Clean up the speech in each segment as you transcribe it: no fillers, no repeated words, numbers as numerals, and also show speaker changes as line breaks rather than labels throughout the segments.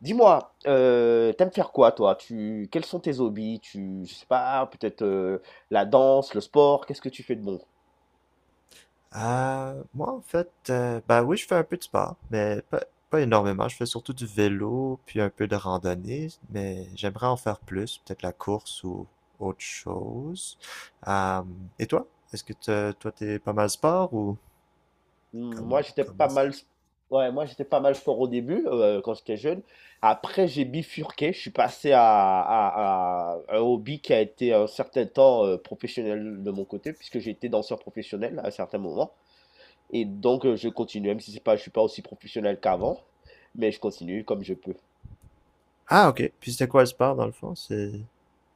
Dis-moi, tu faire quoi toi? Tu Quels sont tes hobbies? Tu Je sais pas, peut-être, la danse, le sport? Qu'est-ce que tu fais de bon?
Moi, en fait, ben oui, je fais un peu de sport, mais pas énormément. Je fais surtout du vélo, puis un peu de randonnée, mais j'aimerais en faire plus, peut-être la course ou autre chose. Euh, et toi? Est-ce que toi, t'es pas mal sport ou
Hmm. Moi, j'étais
comment
pas
ça?
mal s Ouais, moi, j'étais pas mal sport au début, quand j'étais jeune. Après, j'ai bifurqué, je suis passé à un hobby qui a été un certain temps, professionnel de mon côté puisque j'ai été danseur professionnel à un certain moment et donc je continue, même si c'est pas je suis pas aussi professionnel qu'avant, mais je continue comme je peux.
Ah, ok. Puis c'était quoi le sport dans le fond? C'est.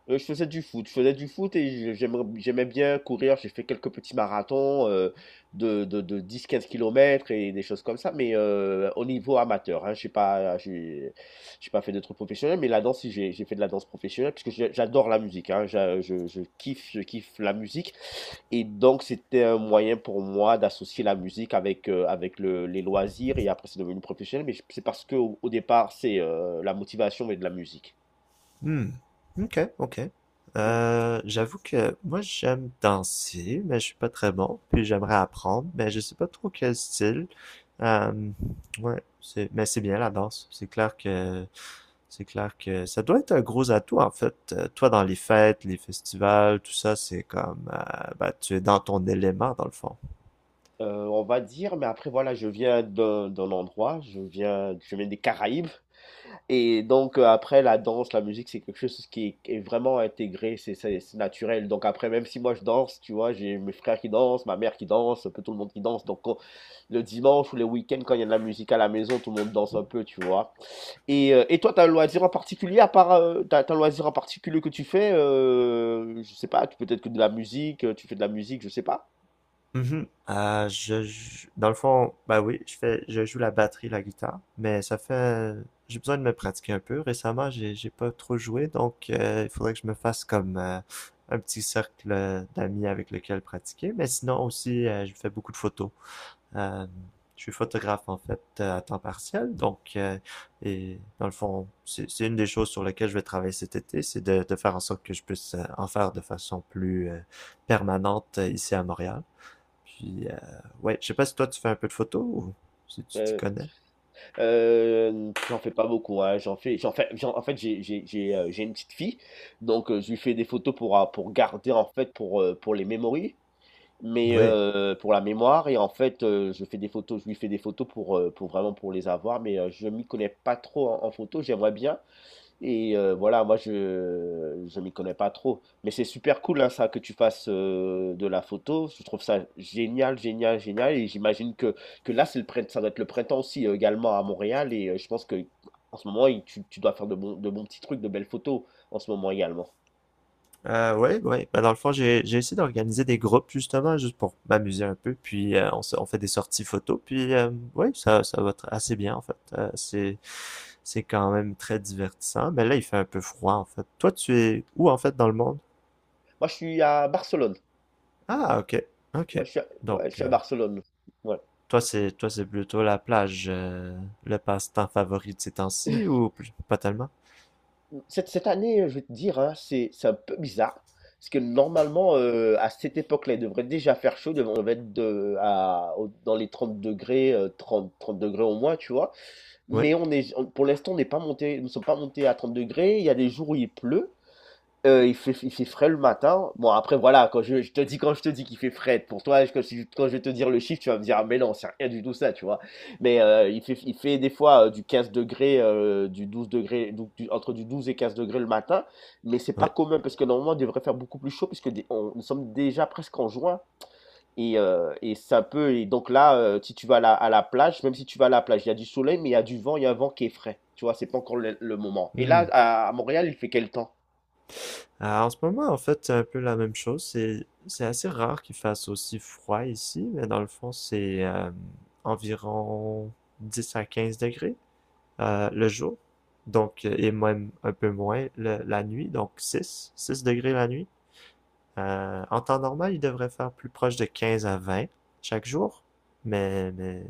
Je faisais du foot et je j'aimerais j'aimais bien courir. J'ai fait quelques petits marathons, de 10 15 kilomètres et des choses comme ça, mais au niveau amateur, hein. je J'ai pas j'ai j'ai pas fait de trucs professionnels, mais la danse, si, j'ai fait de la danse professionnelle puisque je j'adore la musique, hein. J'a je kiffe la musique et donc c'était un moyen pour moi d'associer la musique avec le les loisirs et après c'est devenu professionnel, mais c'est parce que au départ, c'est, la motivation et de la musique.
Hmm. Ok, ok.
Mmh.
J'avoue que moi j'aime danser, mais je suis pas très bon. Puis j'aimerais apprendre, mais je sais pas trop quel style. Euh, ouais, mais c'est bien la danse. C'est clair que ça doit être un gros atout en fait. Toi dans les fêtes, les festivals, tout ça, c'est comme bah, tu es dans ton élément dans le fond.
Heu, on va dire, mais après voilà, je viens d'un endroit, je viens des Caraïbes. Et donc après la danse, la musique, c'est quelque chose qui est vraiment intégré, c'est naturel. Donc après, même si moi je danse, tu vois, j'ai mes frères qui dansent, ma mère qui danse, un peu tout le monde qui danse. Donc le dimanche ou le week-end, quand il y a de la musique à la maison, tout le monde danse un peu, tu vois. Et toi, t'as un loisir en particulier, à part, t'as un loisir en particulier que tu fais, je sais pas, peut-être que de la musique, tu fais de la musique, je sais pas.
Mhm. Dans le fond, bah oui, je joue la batterie, la guitare, mais ça fait, j'ai besoin de me pratiquer un peu. Récemment, j'ai pas trop joué, donc il faudrait que je me fasse comme un petit cercle d'amis avec lequel pratiquer. Mais sinon aussi, je fais beaucoup de photos. Euh, je suis photographe en fait à temps partiel, donc et dans le fond, c'est une des choses sur lesquelles je vais travailler cet été, c'est de faire en sorte que je puisse en faire de façon plus permanente ici à Montréal. Puis, ouais, je sais pas si toi tu fais un peu de photos ou si tu t'y
Euh,
connais.
j'en fais pas beaucoup, hein, j'en fais j'en en fait, j'ai une petite fille, donc je lui fais des photos pour garder, en fait, pour les memories, mais
Oui.
pour la mémoire et en fait, je lui fais des photos pour vraiment pour les avoir, mais je m'y connais pas trop en photo. J'aimerais bien, et voilà, moi je m'y connais pas trop, mais c'est super cool hein, ça que tu fasses de la photo. Je trouve ça génial, génial, génial. Et j'imagine que là ça doit être le printemps aussi également à Montréal. Et je pense que en ce moment tu dois faire de bons petits trucs, de belles photos en ce moment également.
Ouais, ouais. Ben, dans le fond, j'ai essayé d'organiser des groupes justement, juste pour m'amuser un peu. Puis, on fait des sorties photos. Puis, ouais, ça va assez bien en fait. C'est quand même très divertissant. Mais là, il fait un peu froid en fait. Toi, tu es où en fait dans le monde?
Moi je suis à Barcelone.
Ah, ok,
Ouais,
ok. Donc,
je suis à Barcelone. Ouais.
toi, c'est plutôt la plage, le passe-temps favori de ces temps-ci ou pas tellement?
Cette année, je vais te dire, hein, c'est un peu bizarre. Parce que normalement, à cette époque-là, il devrait déjà faire chaud. Devrait On va être de à au dans les 30 degrés, trente 30 °C au moins, tu vois?
Oui,
Mais on est on pour l'instant, on n'est pas monté nous ne sommes pas montés à 30 degrés. Il y a des jours où il pleut. Il fait frais le matin. Bon après voilà, quand je te dis qu'il fait frais, pour toi, quand si quand je vais te dire le chiffre, tu vas me dire: «Ah mais non, c'est rien du tout ça», tu vois? Mais, il fait des fois, du 15°, du 12 degrés donc du 12 et 15 degrés le matin, mais c'est pas commun parce que normalement, il devrait faire beaucoup plus chaud puisque dé on nous sommes déjà presque en juin et ça peut et donc là, si tu vas à la plage, même si tu vas à la plage, il y a du soleil, mais il y a du vent, il y a un vent qui est frais, tu vois? C'est pas encore le moment et là,
oui.
à Montréal, il fait quel temps?
Ah, en ce moment, en fait, c'est un peu la même chose. C'est assez rare qu'il fasse aussi froid ici, mais dans le fond, c'est environ 10 à 15 degrés le jour. Donc, et même un peu moins la nuit, donc 6, 6 degrés la nuit. En temps normal, il devrait faire plus proche de 15 à 20 chaque jour. Mais,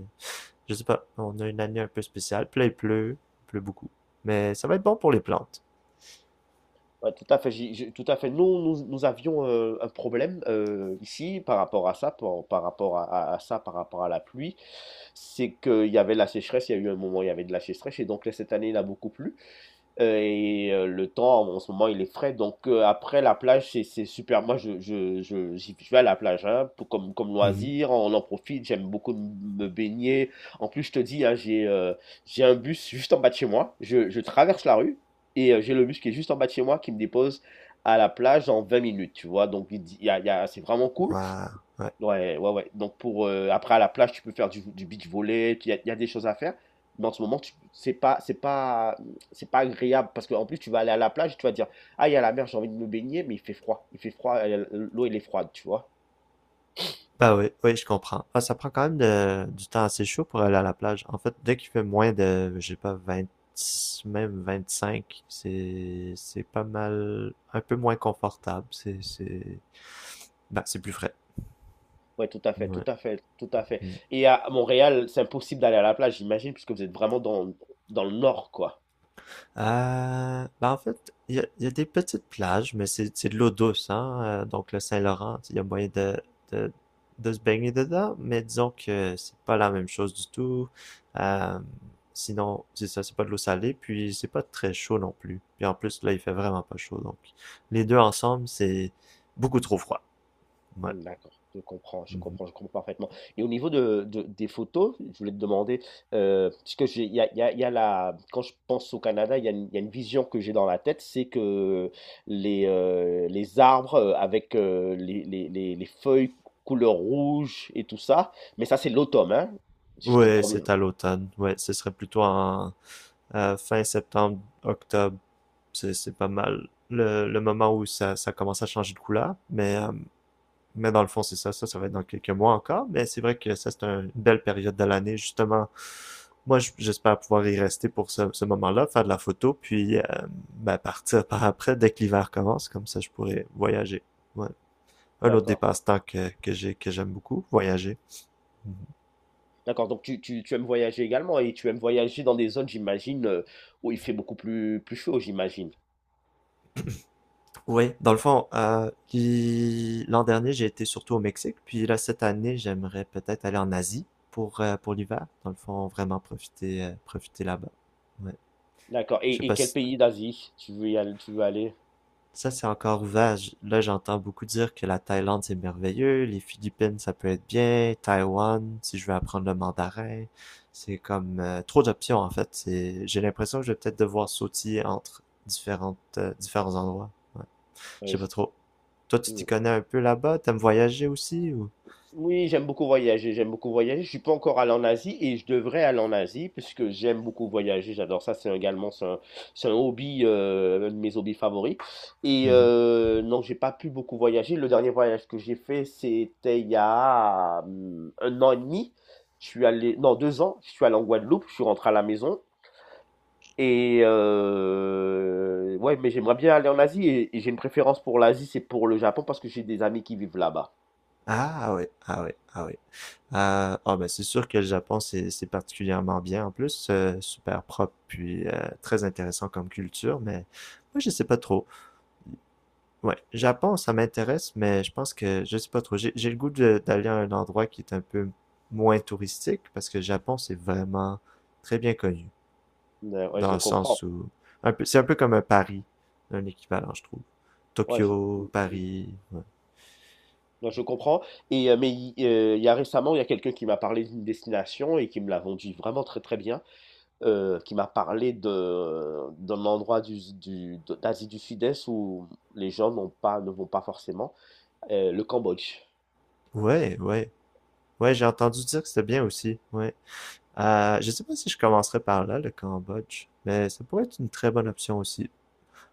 je sais pas, on a une année un peu spéciale. Puis là, il pleut beaucoup. Mais ça va être bon pour les plantes.
Ouais, tout à fait. Tout à fait. Nous avions un problème ici par rapport à ça, par rapport à ça, par rapport à la pluie. C'est qu'il y avait la sécheresse. Il y a eu un moment, où il y avait de la sécheresse, et donc là, cette année, il a beaucoup plu. Et le temps, en ce moment, il est frais. Donc après la plage, c'est super. Moi, je vais à la plage hein, comme
Mhm.
loisir. On en profite. J'aime beaucoup me baigner. En plus, je te dis, hein, j'ai un bus juste en bas de chez moi. Je traverse la rue et j'ai le bus qui est juste en bas de chez moi qui me dépose à la plage en 20 minutes, tu vois? Donc il y a c'est vraiment cool.
Waouh, ouais.
Ouais, ouais, ouais. Donc après à la plage, tu peux faire du beach volley, il y a des choses à faire. Mais en ce moment, tu c'est pas agréable parce qu'en plus, tu vas aller à la plage, tu vas dire: «Ah, il y a la mer, j'ai envie de me baigner», mais il fait froid. Il fait froid, l'eau, elle est froide, tu vois?
Bah oui, oui, je comprends. Ah, ça prend quand même du temps assez chaud pour aller à la plage. En fait, dès qu'il fait moins de, je sais pas, 20, même 25, c'est pas mal, un peu moins confortable. Bah, c'est plus frais.
Ouais, tout à fait, tout
Ouais.
à fait, tout à fait.
Mm.
Et à Montréal, c'est impossible d'aller à la plage, j'imagine, puisque vous êtes vraiment dans le nord, quoi.
Ben en fait, il y a des petites plages, mais c'est de l'eau douce, hein? Donc le Saint-Laurent, il y a moyen de, de se baigner dedans, mais disons que c'est pas la même chose du tout. Euh, Sinon, c'est ça, c'est pas de l'eau salée, puis c'est pas très chaud non plus. Puis en plus, là, il fait vraiment pas chaud, donc les deux ensemble, c'est beaucoup trop froid. Ouais.
Mmh, d'accord, je comprends, je
Mhm.
comprends, je comprends parfaitement et au niveau de des photos, je voulais te demander, parce que j'ai il y a il y a il y a la quand je pense au Canada, il y a une vision que j'ai dans la tête, c'est que les arbres, avec, les feuilles couleur rouge et tout ça, mais ça, c'est l'automne, hein? Si je
Ouais,
comprends bien?
c'est à l'automne. Ouais, ce serait plutôt en fin septembre, octobre, c'est pas mal le moment où ça commence à changer de couleur. Mais dans le fond, c'est ça. Ça va être dans quelques mois encore. Mais c'est vrai que ça, c'est une belle période de l'année, justement. Moi, j'espère pouvoir y rester pour ce moment-là, faire de la photo, puis ben, partir par après dès que l'hiver commence. Comme ça, je pourrais voyager. Ouais. Un autre
D'accord,
dépasse-temps que j'ai, que j'aime beaucoup, voyager.
d'accord, donc tu aimes voyager également et tu aimes voyager dans des zones, j'imagine, où il fait beaucoup plus chaud, j'imagine?
Oui, dans le fond, puis l'an dernier, j'ai été surtout au Mexique, puis là, cette année, j'aimerais peut-être aller en Asie pour l'hiver. Dans le fond, vraiment profiter là-bas. Ouais.
D'accord
Je sais
et
pas
quel
si
pays d'Asie tu veux aller?
ça, c'est encore ouvert. Là, j'entends beaucoup dire que la Thaïlande, c'est merveilleux, les Philippines, ça peut être bien, Taïwan, si je veux apprendre le mandarin. C'est comme trop d'options, en fait. C'est, j'ai l'impression que je vais peut-être devoir sautiller entre différents endroits. Je
Ouais,
sais pas trop. Toi, tu t'y
euh,
connais un peu là-bas? T'aimes voyager aussi ou?
oui, j'aime beaucoup voyager, j'aime beaucoup voyager. Je suis pas encore allé en Asie et je devrais aller en Asie puisque j'aime beaucoup voyager, j'adore ça. C'est un hobby, un de mes hobbies favoris. Et
Mhm.
non, j'ai pas pu beaucoup voyager. Le dernier voyage que j'ai fait, c'était il y a un an et demi. Je suis allé, non, 2 ans. Je suis allé en Guadeloupe. Je suis rentré à la maison. Et ouais, mais j'aimerais bien aller en Asie et j'ai une préférence pour l'Asie, c'est pour le Japon parce que j'ai des amis qui vivent là-bas.
Ah ouais, ah ouais, ah ouais. Ah, ah, ben c'est sûr que le Japon, c'est particulièrement bien en plus, super propre, puis très intéressant comme culture, mais moi je sais pas trop. Ouais, Japon, ça m'intéresse, mais je pense que je sais pas trop. J'ai le goût d'aller à un endroit qui est un peu moins touristique, parce que le Japon, c'est vraiment très bien connu.
Ouais, ouais,
Dans
je
le
comprends.
sens où c'est un peu comme un Paris, un équivalent, je trouve.
Ouais,
Tokyo,
mm, mm.
Paris, ouais.
Non, je comprends. Et, mais il y a récemment, il y a quelqu'un qui m'a parlé d'une destination et qui me l'a vendu vraiment très très bien, qui m'a parlé d'un endroit d'Asie du Sud-Est où les gens n'ont pas, ne vont pas forcément, le Cambodge.
Ouais, ouais. Ouais, j'ai entendu dire que c'était bien aussi. Ouais. Je sais pas si je commencerai par là, le Cambodge, mais ça pourrait être une très bonne option aussi.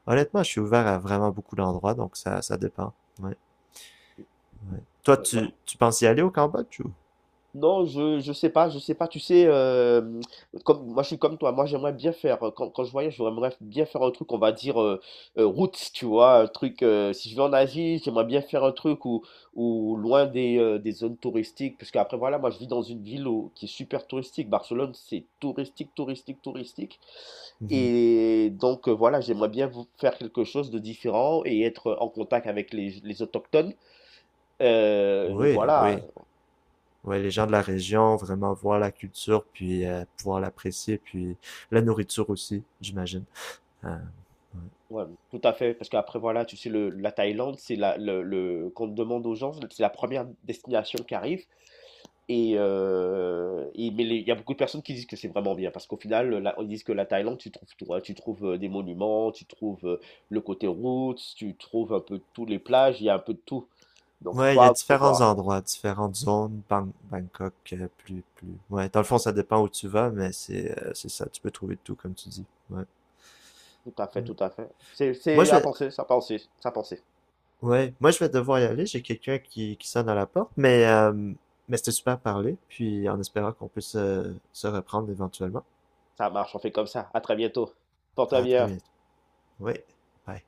Honnêtement, je suis ouvert à vraiment beaucoup d'endroits, donc ça dépend. Ouais. Toi,
Ouais, voilà.
tu penses y aller au Cambodge ou?
Non, je sais pas, je sais pas. Tu sais, comme moi, je suis comme toi. Moi, j'aimerais bien faire, quand je voyage, j'aimerais bien faire un truc, on va dire, roots, tu vois? Un truc, si je vais en Asie, j'aimerais bien faire un truc où loin des zones touristiques. Puisqu'après, voilà, moi, je vis dans une ville où qui est super touristique. Barcelone, c'est touristique, touristique, touristique
Mhm.
et donc voilà, j'aimerais bien vou faire quelque chose de différent et être en contact avec les autochtones, et
Oui,
voilà.
oui. Ouais, les gens de la région, vraiment voir la culture, puis pouvoir l'apprécier, puis la nourriture aussi, j'imagine. Euh, ouais,
Ouais, tout à fait, parce qu'après voilà, tu sais le la Thaïlande, c'est la le qu'on demande aux gens, c'est la première destination qui arrive et mais les il y a beaucoup de personnes qui disent que c'est vraiment bien parce qu'au final, la ils disent que la Thaïlande, tu trouves tout, hein. Tu trouves, des monuments, tu trouves, le côté roots, tu trouves un peu tous les plages, il y a un peu de tout. Donc
ouais,
faut
il y a
faut
différents
voir.
endroits, différentes zones, Bangkok, plus, plus. Ouais, dans le fond, ça dépend où tu vas, mais c'est ça, tu peux trouver tout, comme tu dis. Ouais,
Tout à fait,
ouais.
tout à fait. C'est
Moi,
c'est
je
à
vais,
penser, ça penser, ça penser.
ouais, moi, je vais devoir y aller, j'ai quelqu'un qui sonne à la porte, mais c'était super à parler, puis en espérant qu'on puisse se reprendre éventuellement.
Ça marche, on fait comme ça. À très bientôt. Porte-toi
À très
bien.
bientôt. Oui. Bye.